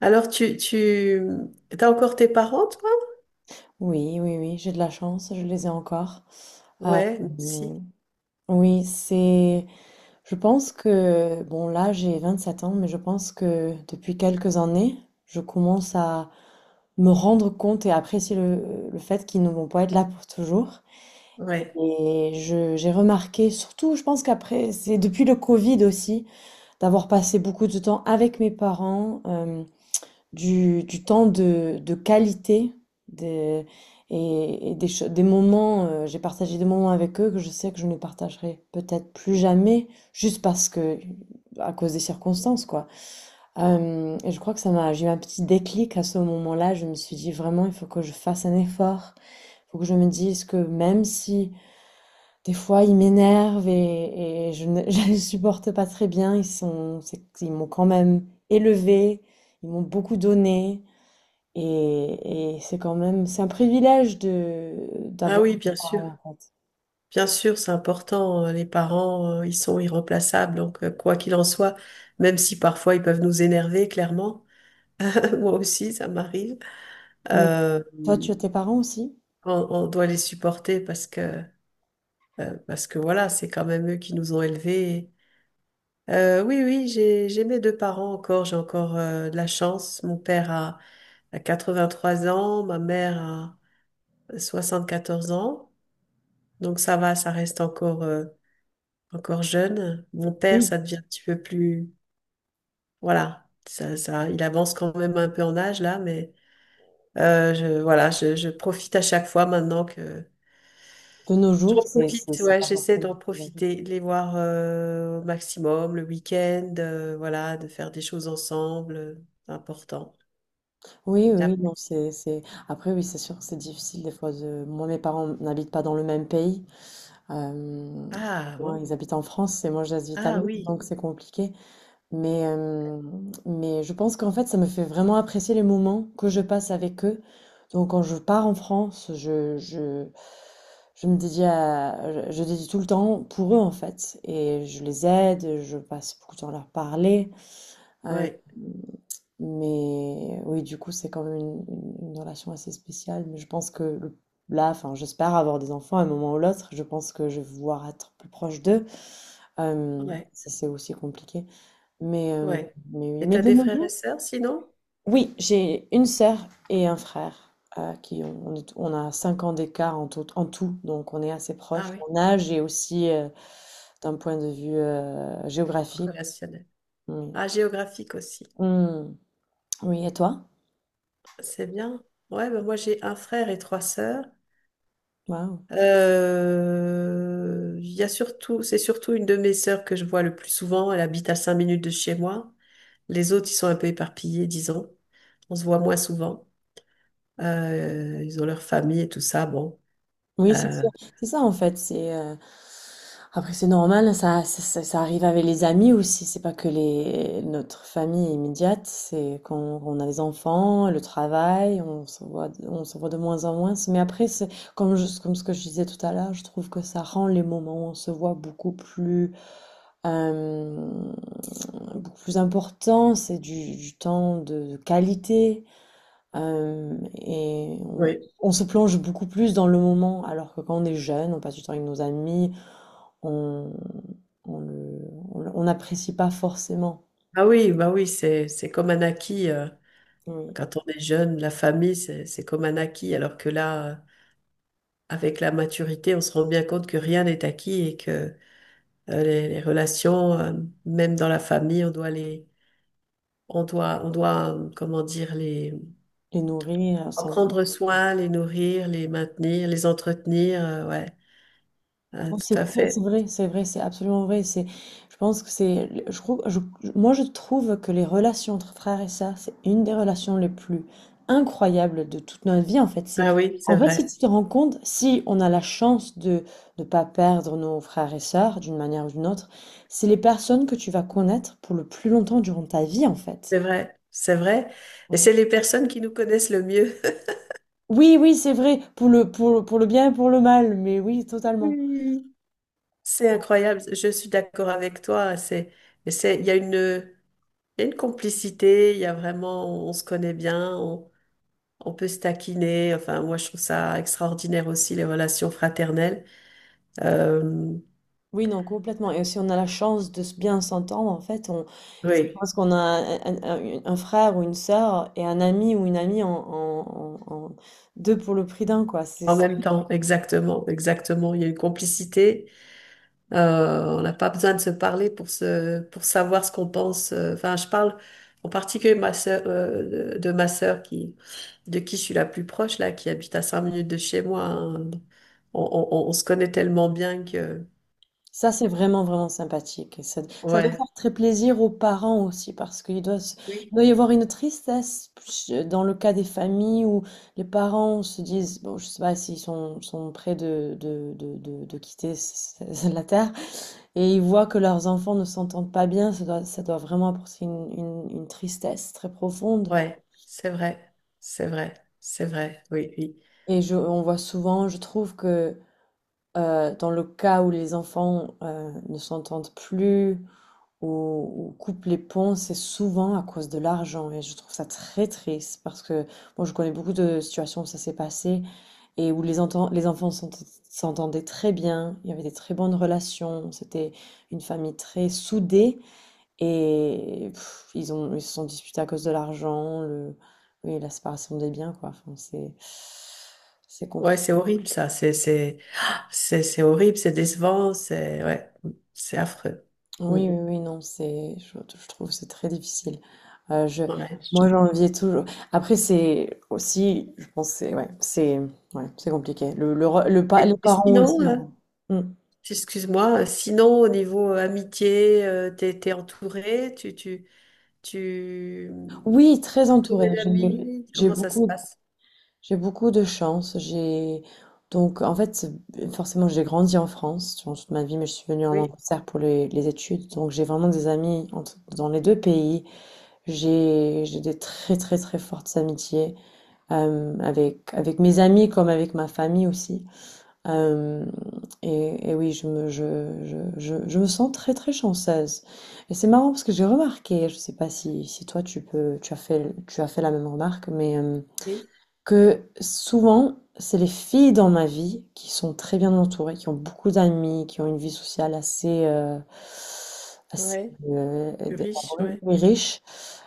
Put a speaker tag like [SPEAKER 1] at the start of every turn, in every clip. [SPEAKER 1] Alors, t'as encore tes parents, toi?
[SPEAKER 2] Oui, oui, oui, j'ai de la chance, je les ai encore. Euh,
[SPEAKER 1] Ouais, si.
[SPEAKER 2] oui, c'est. Je pense que. Bon, là, j'ai 27 ans, mais je pense que depuis quelques années, je commence à me rendre compte et apprécier le fait qu'ils ne vont pas être là pour toujours.
[SPEAKER 1] Ouais.
[SPEAKER 2] Et j'ai remarqué, surtout, je pense qu'après, c'est depuis le Covid aussi, d'avoir passé beaucoup de temps avec mes parents. Du temps de qualité des, et des, des moments, j'ai partagé des moments avec eux que je sais que je ne partagerai peut-être plus jamais, juste parce que, à cause des circonstances, quoi. Et je crois que j'ai eu un petit déclic à ce moment-là, je me suis dit vraiment, il faut que je fasse un effort, il faut que je me dise que même si des fois ils m'énervent et je ne je les supporte pas très bien, ils sont, ils m'ont quand même élevé, ils m'ont beaucoup donné. Et c'est quand même, c'est un privilège de
[SPEAKER 1] Ah
[SPEAKER 2] d'avoir
[SPEAKER 1] oui,
[SPEAKER 2] des
[SPEAKER 1] bien sûr.
[SPEAKER 2] parents en fait.
[SPEAKER 1] Bien sûr, c'est important. Les parents, ils sont irremplaçables. Donc, quoi qu'il en soit, même si parfois ils peuvent nous énerver, clairement. Moi aussi, ça m'arrive.
[SPEAKER 2] Oui.
[SPEAKER 1] Euh,
[SPEAKER 2] Toi, tu as tes parents aussi?
[SPEAKER 1] on doit les supporter parce que voilà, c'est quand même eux qui nous ont élevés. Oui, oui, j'ai mes deux parents encore. J'ai encore, de la chance. Mon père a 83 ans, ma mère a 74 ans. Donc ça va, ça reste encore, encore jeune. Mon père,
[SPEAKER 2] Oui.
[SPEAKER 1] ça devient un petit peu plus... Voilà, ça, il avance quand même un peu en âge là, mais voilà, je profite à chaque fois maintenant que...
[SPEAKER 2] De nos
[SPEAKER 1] J'en
[SPEAKER 2] jours, c'est c'est
[SPEAKER 1] profite,
[SPEAKER 2] c'est
[SPEAKER 1] ouais,
[SPEAKER 2] pas
[SPEAKER 1] j'essaie d'en
[SPEAKER 2] forcément très agréable.
[SPEAKER 1] profiter, de les voir au maximum le week-end, voilà, de faire des choses ensemble, c'est important.
[SPEAKER 2] Oui, oui, oui,
[SPEAKER 1] D'app-
[SPEAKER 2] non, c'est. Après, oui, c'est sûr, que c'est difficile des fois de. Moi, mes parents n'habitent pas dans le même pays. Euh,
[SPEAKER 1] Ah
[SPEAKER 2] Moi,
[SPEAKER 1] bon,
[SPEAKER 2] ils habitent en France et moi, j'habite à
[SPEAKER 1] ah
[SPEAKER 2] Londres,
[SPEAKER 1] oui,
[SPEAKER 2] donc c'est compliqué. Mais, euh, mais je pense qu'en fait, ça me fait vraiment apprécier les moments que je passe avec eux. Donc, quand je pars en France, je me dédie à, je dédie tout le temps pour eux, en fait. Et je les aide, je passe beaucoup de temps à leur parler.
[SPEAKER 1] ouais,
[SPEAKER 2] Mais oui, du coup, c'est quand même une relation assez spéciale. Mais je pense que là, enfin, j'espère avoir des enfants à un moment ou l'autre. Je pense que je vais vouloir être plus proche d'eux. Euh,
[SPEAKER 1] ouais,
[SPEAKER 2] Ça, c'est aussi compliqué. Mais, euh,
[SPEAKER 1] ouais.
[SPEAKER 2] mais oui,
[SPEAKER 1] Et
[SPEAKER 2] mais
[SPEAKER 1] t'as
[SPEAKER 2] de
[SPEAKER 1] des
[SPEAKER 2] nos
[SPEAKER 1] frères et
[SPEAKER 2] jours.
[SPEAKER 1] sœurs sinon?
[SPEAKER 2] Oui, j'ai une sœur et un frère qui ont, on a 5 ans d'écart en tout, donc on est assez proches
[SPEAKER 1] Ah oui.
[SPEAKER 2] en âge et aussi d'un point de vue géographique.
[SPEAKER 1] Relationnel.
[SPEAKER 2] Oui.
[SPEAKER 1] Ah, géographique aussi.
[SPEAKER 2] Hmm. Oui, et toi?
[SPEAKER 1] C'est bien. Ouais, bah moi j'ai un frère et trois sœurs.
[SPEAKER 2] Waouh.
[SPEAKER 1] Il y a surtout, c'est surtout une de mes sœurs que je vois le plus souvent. Elle habite à 5 minutes de chez moi. Les autres, ils sont un peu éparpillés, disons. On se voit moins souvent. Ils ont leur famille et tout ça. Bon.
[SPEAKER 2] Oui, c'est
[SPEAKER 1] Euh,
[SPEAKER 2] sûr. C'est ça en fait. C'est après c'est normal. Ça arrive avec les amis aussi. C'est pas que les notre famille immédiate. C'est quand on a les enfants, le travail, on se voit de moins en moins. Mais après, c'est comme comme ce que je disais tout à l'heure, je trouve que ça rend les moments où on se voit euh, beaucoup plus importants. C'est du temps de qualité. Et
[SPEAKER 1] oui.
[SPEAKER 2] on se plonge beaucoup plus dans le moment, alors que quand on est jeune, on passe du temps avec nos amis, on, on, le- on n'apprécie pas forcément.
[SPEAKER 1] Ah oui, bah oui, c'est comme un acquis.
[SPEAKER 2] Oui.
[SPEAKER 1] Quand on est jeune, la famille, c'est comme un acquis. Alors que là, avec la maturité, on se rend bien compte que rien n'est acquis, et que les relations, même dans la famille, on doit, comment dire,
[SPEAKER 2] Les nourrir.
[SPEAKER 1] en prendre soin, les nourrir, les maintenir, les entretenir. Ouais,
[SPEAKER 2] Non, c'est
[SPEAKER 1] tout à fait.
[SPEAKER 2] c'est vrai, c'est absolument vrai. C'est, je pense que c'est, moi je trouve que les relations entre frères et sœurs, c'est une des relations les plus incroyables de toute notre vie en fait. C'est,
[SPEAKER 1] Ah oui, c'est
[SPEAKER 2] en fait, si
[SPEAKER 1] vrai,
[SPEAKER 2] tu te rends compte, si on a la chance de ne pas perdre nos frères et sœurs d'une manière ou d'une autre, c'est les personnes que tu vas connaître pour le plus longtemps durant ta vie en fait.
[SPEAKER 1] c'est vrai, c'est vrai. Et
[SPEAKER 2] Ouais.
[SPEAKER 1] c'est les personnes qui nous connaissent le mieux.
[SPEAKER 2] Oui, oui, c'est vrai, pour le bien et pour le mal, mais oui,
[SPEAKER 1] Oui,
[SPEAKER 2] totalement.
[SPEAKER 1] oui, oui. C'est incroyable. Je suis d'accord avec toi. C'est, et c'est, il y a une, il y a une complicité. Il y a vraiment, on se connaît bien. On peut se taquiner. Enfin, moi, je trouve ça extraordinaire aussi les relations fraternelles. Euh,
[SPEAKER 2] Oui, non, complètement. Et si on a la chance de bien s'entendre, en fait, on, c'est
[SPEAKER 1] oui,
[SPEAKER 2] parce qu'on a frère ou une sœur et un ami ou une amie deux pour le prix d'un, quoi.
[SPEAKER 1] en même temps, exactement, exactement. Il y a une complicité. On n'a pas besoin de se parler pour se, pour savoir ce qu'on pense. Enfin, je parle en particulier ma sœur, de ma sœur qui, de qui je suis la plus proche là, qui habite à 5 minutes de chez moi. Hein. On se connaît tellement bien que,
[SPEAKER 2] Ça, c'est vraiment, vraiment sympathique. Et ça doit
[SPEAKER 1] ouais,
[SPEAKER 2] faire très plaisir aux parents aussi, parce qu'il doit, il
[SPEAKER 1] oui,
[SPEAKER 2] doit y avoir une tristesse dans le cas des familles où les parents se disent, bon, je sais pas s'ils sont, sont près de quitter la terre, et ils voient que leurs enfants ne s'entendent pas bien, ça doit vraiment apporter une tristesse très profonde.
[SPEAKER 1] ouais, c'est vrai, c'est vrai, c'est vrai, oui, oui.
[SPEAKER 2] Et je je trouve que, dans le cas où les enfants, ne s'entendent plus ou coupent les ponts, c'est souvent à cause de l'argent et je trouve ça très triste parce que bon, je connais beaucoup de situations où ça s'est passé et où les enfants s'entendaient très bien, il y avait des très bonnes relations, c'était une famille très soudée. Et pff, ils se sont disputés à cause de l'argent, le oui, la séparation des biens, quoi. Enfin, c'est
[SPEAKER 1] Ouais,
[SPEAKER 2] compliqué.
[SPEAKER 1] c'est horrible ça. C'est horrible, c'est décevant, c'est ouais, c'est affreux. Mm.
[SPEAKER 2] Oui, oui, oui, non, c'est je trouve que c'est très difficile. Je
[SPEAKER 1] Ouais.
[SPEAKER 2] Moi j'enviais toujours. Après c'est aussi je pense que c'est ouais, c'est ouais, c'est compliqué. Le, re- le pa-
[SPEAKER 1] Et,
[SPEAKER 2] Les
[SPEAKER 1] et
[SPEAKER 2] parents
[SPEAKER 1] sinon,
[SPEAKER 2] aussi, hein. Mm.
[SPEAKER 1] excuse-moi, sinon au niveau amitié, t'es entouré, tu,
[SPEAKER 2] Oui, très entourée.
[SPEAKER 1] entouré d'amis, comment ça se passe?
[SPEAKER 2] J'ai beaucoup de chance. J'ai donc en fait forcément j'ai grandi en France durant toute ma vie, mais je suis venue en
[SPEAKER 1] Oui,
[SPEAKER 2] Angleterre pour les études. Donc j'ai vraiment des amis dans les deux pays. J'ai des très fortes amitiés avec mes amis comme avec ma famille aussi. Euh, et oui, je me sens très très chanceuse. Et c'est marrant parce que j'ai remarqué, je sais pas si si toi tu peux tu as fait la même remarque, mais
[SPEAKER 1] oui,
[SPEAKER 2] que souvent, c'est les filles dans ma vie qui sont très bien entourées, qui ont beaucoup d'amis, qui ont une vie sociale assez, assez,
[SPEAKER 1] ouais,
[SPEAKER 2] heu,
[SPEAKER 1] plus riche, ouais.
[SPEAKER 2] et riche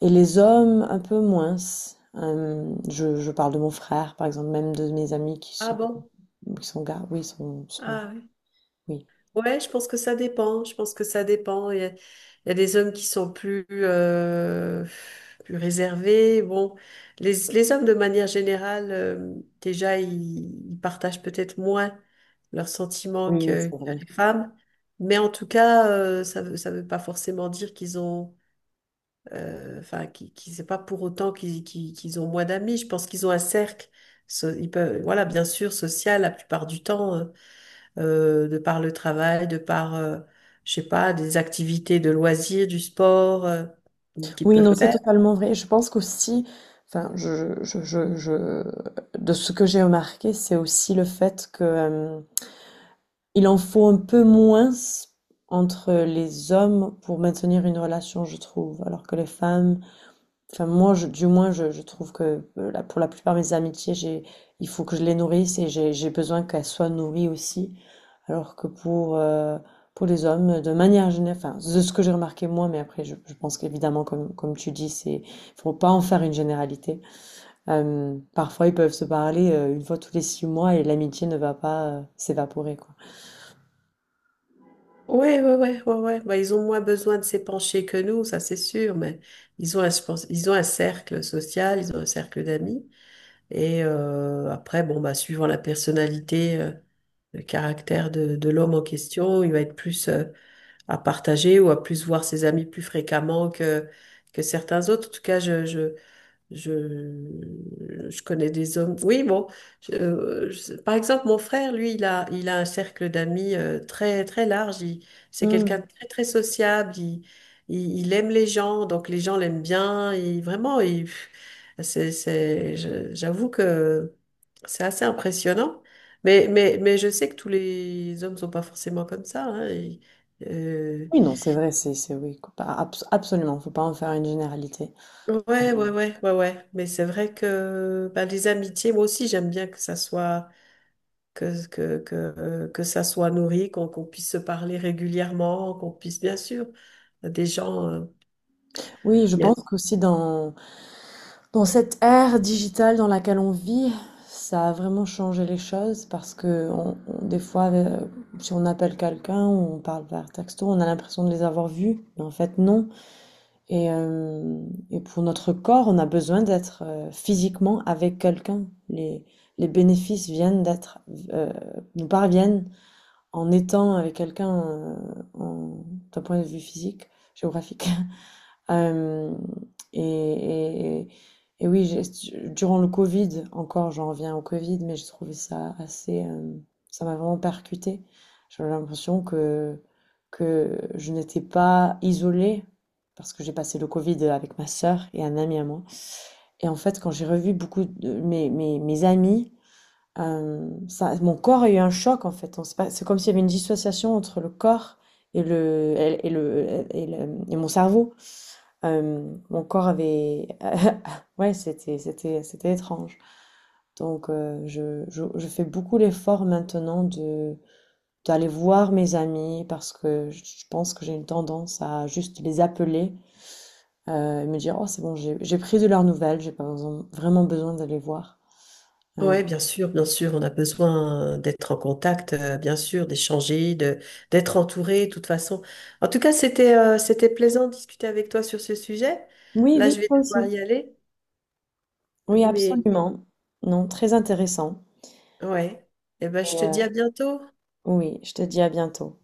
[SPEAKER 2] et les hommes un peu moins. Hem, Je parle de mon frère, par exemple, même de mes amis
[SPEAKER 1] Ah bon?
[SPEAKER 2] qui sont gars, oui, sont sont
[SPEAKER 1] Ah
[SPEAKER 2] oui.
[SPEAKER 1] ouais, je pense que ça dépend. Je pense que ça dépend. Il y a des hommes qui sont plus, plus réservés. Bon, les hommes, de manière générale, déjà, ils partagent peut-être moins leurs sentiments
[SPEAKER 2] Oui, oui,
[SPEAKER 1] que,
[SPEAKER 2] c'est
[SPEAKER 1] que
[SPEAKER 2] vrai.
[SPEAKER 1] les femmes. Mais en tout cas, ça veut pas forcément dire qu'ils ont, enfin, c'est pas pour autant qu'ils ont moins d'amis. Je pense qu'ils ont un cercle. Ils peuvent, voilà, bien sûr, social la plupart du temps. De par le travail, de par, je sais pas, des activités de loisirs, du sport qu'ils
[SPEAKER 2] Oui,
[SPEAKER 1] peuvent
[SPEAKER 2] non, c'est
[SPEAKER 1] faire.
[SPEAKER 2] totalement vrai. Je pense qu'aussi, enfin, je de ce que j'ai remarqué, c'est aussi le fait que, hem il en faut un peu moins entre les hommes pour maintenir une relation, je trouve. Alors que les femmes, enfin moi, du moins, je trouve que pour la plupart de mes amitiés, j'ai, il faut que je les nourrisse et j'ai besoin qu'elles soient nourries aussi. Alors que pour les hommes, de manière générale, enfin, de ce que j'ai remarqué moi, mais après, je pense qu'évidemment, comme tu dis, c'est, faut pas en faire une généralité. Parfois, ils peuvent se parler une fois tous les 6 mois et l'amitié ne va pas s'évaporer, quoi.
[SPEAKER 1] Oui, oui, oui, oui, oui. Bah, ils ont moins besoin de s'épancher que nous, ça c'est sûr, mais ils ont un cercle social, ils ont un cercle d'amis. Et après, bon, bah, suivant la personnalité, le caractère de l'homme en question, il va être plus à partager ou à plus voir ses amis plus fréquemment que certains autres. En tout cas, je connais des hommes. Oui, bon. Par exemple, mon frère, lui, il a un cercle d'amis très, très large. C'est quelqu'un de
[SPEAKER 2] Mm.
[SPEAKER 1] très, très sociable. Il aime les gens, donc les gens l'aiment bien. Il, vraiment, il, c'est, je- j'avoue que c'est assez impressionnant. Mais je sais que tous les hommes sont pas forcément comme ça. Hein.
[SPEAKER 2] Oui, non, c'est vrai, c'est, oui, absolument, faut pas en faire une généralité.
[SPEAKER 1] Ouais, ouais, ouais, ouais, ouais. Mais c'est vrai que bah, les amitiés, moi aussi, j'aime bien que ça soit nourri, qu'on puisse se parler régulièrement, qu'on puisse, bien sûr, des gens.
[SPEAKER 2] Oui, je
[SPEAKER 1] Il y a-
[SPEAKER 2] pense qu'aussi dans, dans cette ère digitale dans laquelle on vit, ça a vraiment changé les choses parce que des fois, si on appelle quelqu'un, ou on parle par texto, on a l'impression de les avoir vus, mais en fait, non. Et, euh, et pour notre corps, on a besoin d'être physiquement avec quelqu'un. Les bénéfices euh, nous parviennent en étant avec quelqu'un, en d'un point de vue physique, géographique. Hem et et et oui, j'ai durant le covid, encore j'en reviens au covid, mais j'ai trouvé ça assez, ça m'a vraiment percuté. J'avais l'impression que je n'étais pas isolée parce que j'ai passé le covid avec ma sœur et un ami à moi et en fait, quand j'ai revu beaucoup de mes amis, ça, mon corps a eu un choc en fait. On sait pas. C'est comme s'il y avait une dissociation entre le corps et mon cerveau. Mon corps avait ouais, c'était étrange. Donc je fais beaucoup l'effort maintenant de d'aller voir mes amis parce que je pense que j'ai une tendance à juste les appeler et me dire oh c'est bon j'ai pris de leurs nouvelles, j'ai pas besoin- vraiment besoin d'aller voir. Euh,
[SPEAKER 1] ouais, bien sûr, on a besoin d'être en contact, bien sûr, d'échanger, de d'être entouré, de toute façon. En tout cas, c'était plaisant de discuter avec toi sur ce sujet.
[SPEAKER 2] oui,
[SPEAKER 1] Là, je
[SPEAKER 2] Vic,
[SPEAKER 1] vais
[SPEAKER 2] toi
[SPEAKER 1] devoir
[SPEAKER 2] aussi.
[SPEAKER 1] y aller,
[SPEAKER 2] Oui,
[SPEAKER 1] mais
[SPEAKER 2] absolument. Non, très intéressant.
[SPEAKER 1] ouais. Eh ben, je
[SPEAKER 2] Et
[SPEAKER 1] te
[SPEAKER 2] euh,
[SPEAKER 1] dis à bientôt.
[SPEAKER 2] oui, je te dis à bientôt.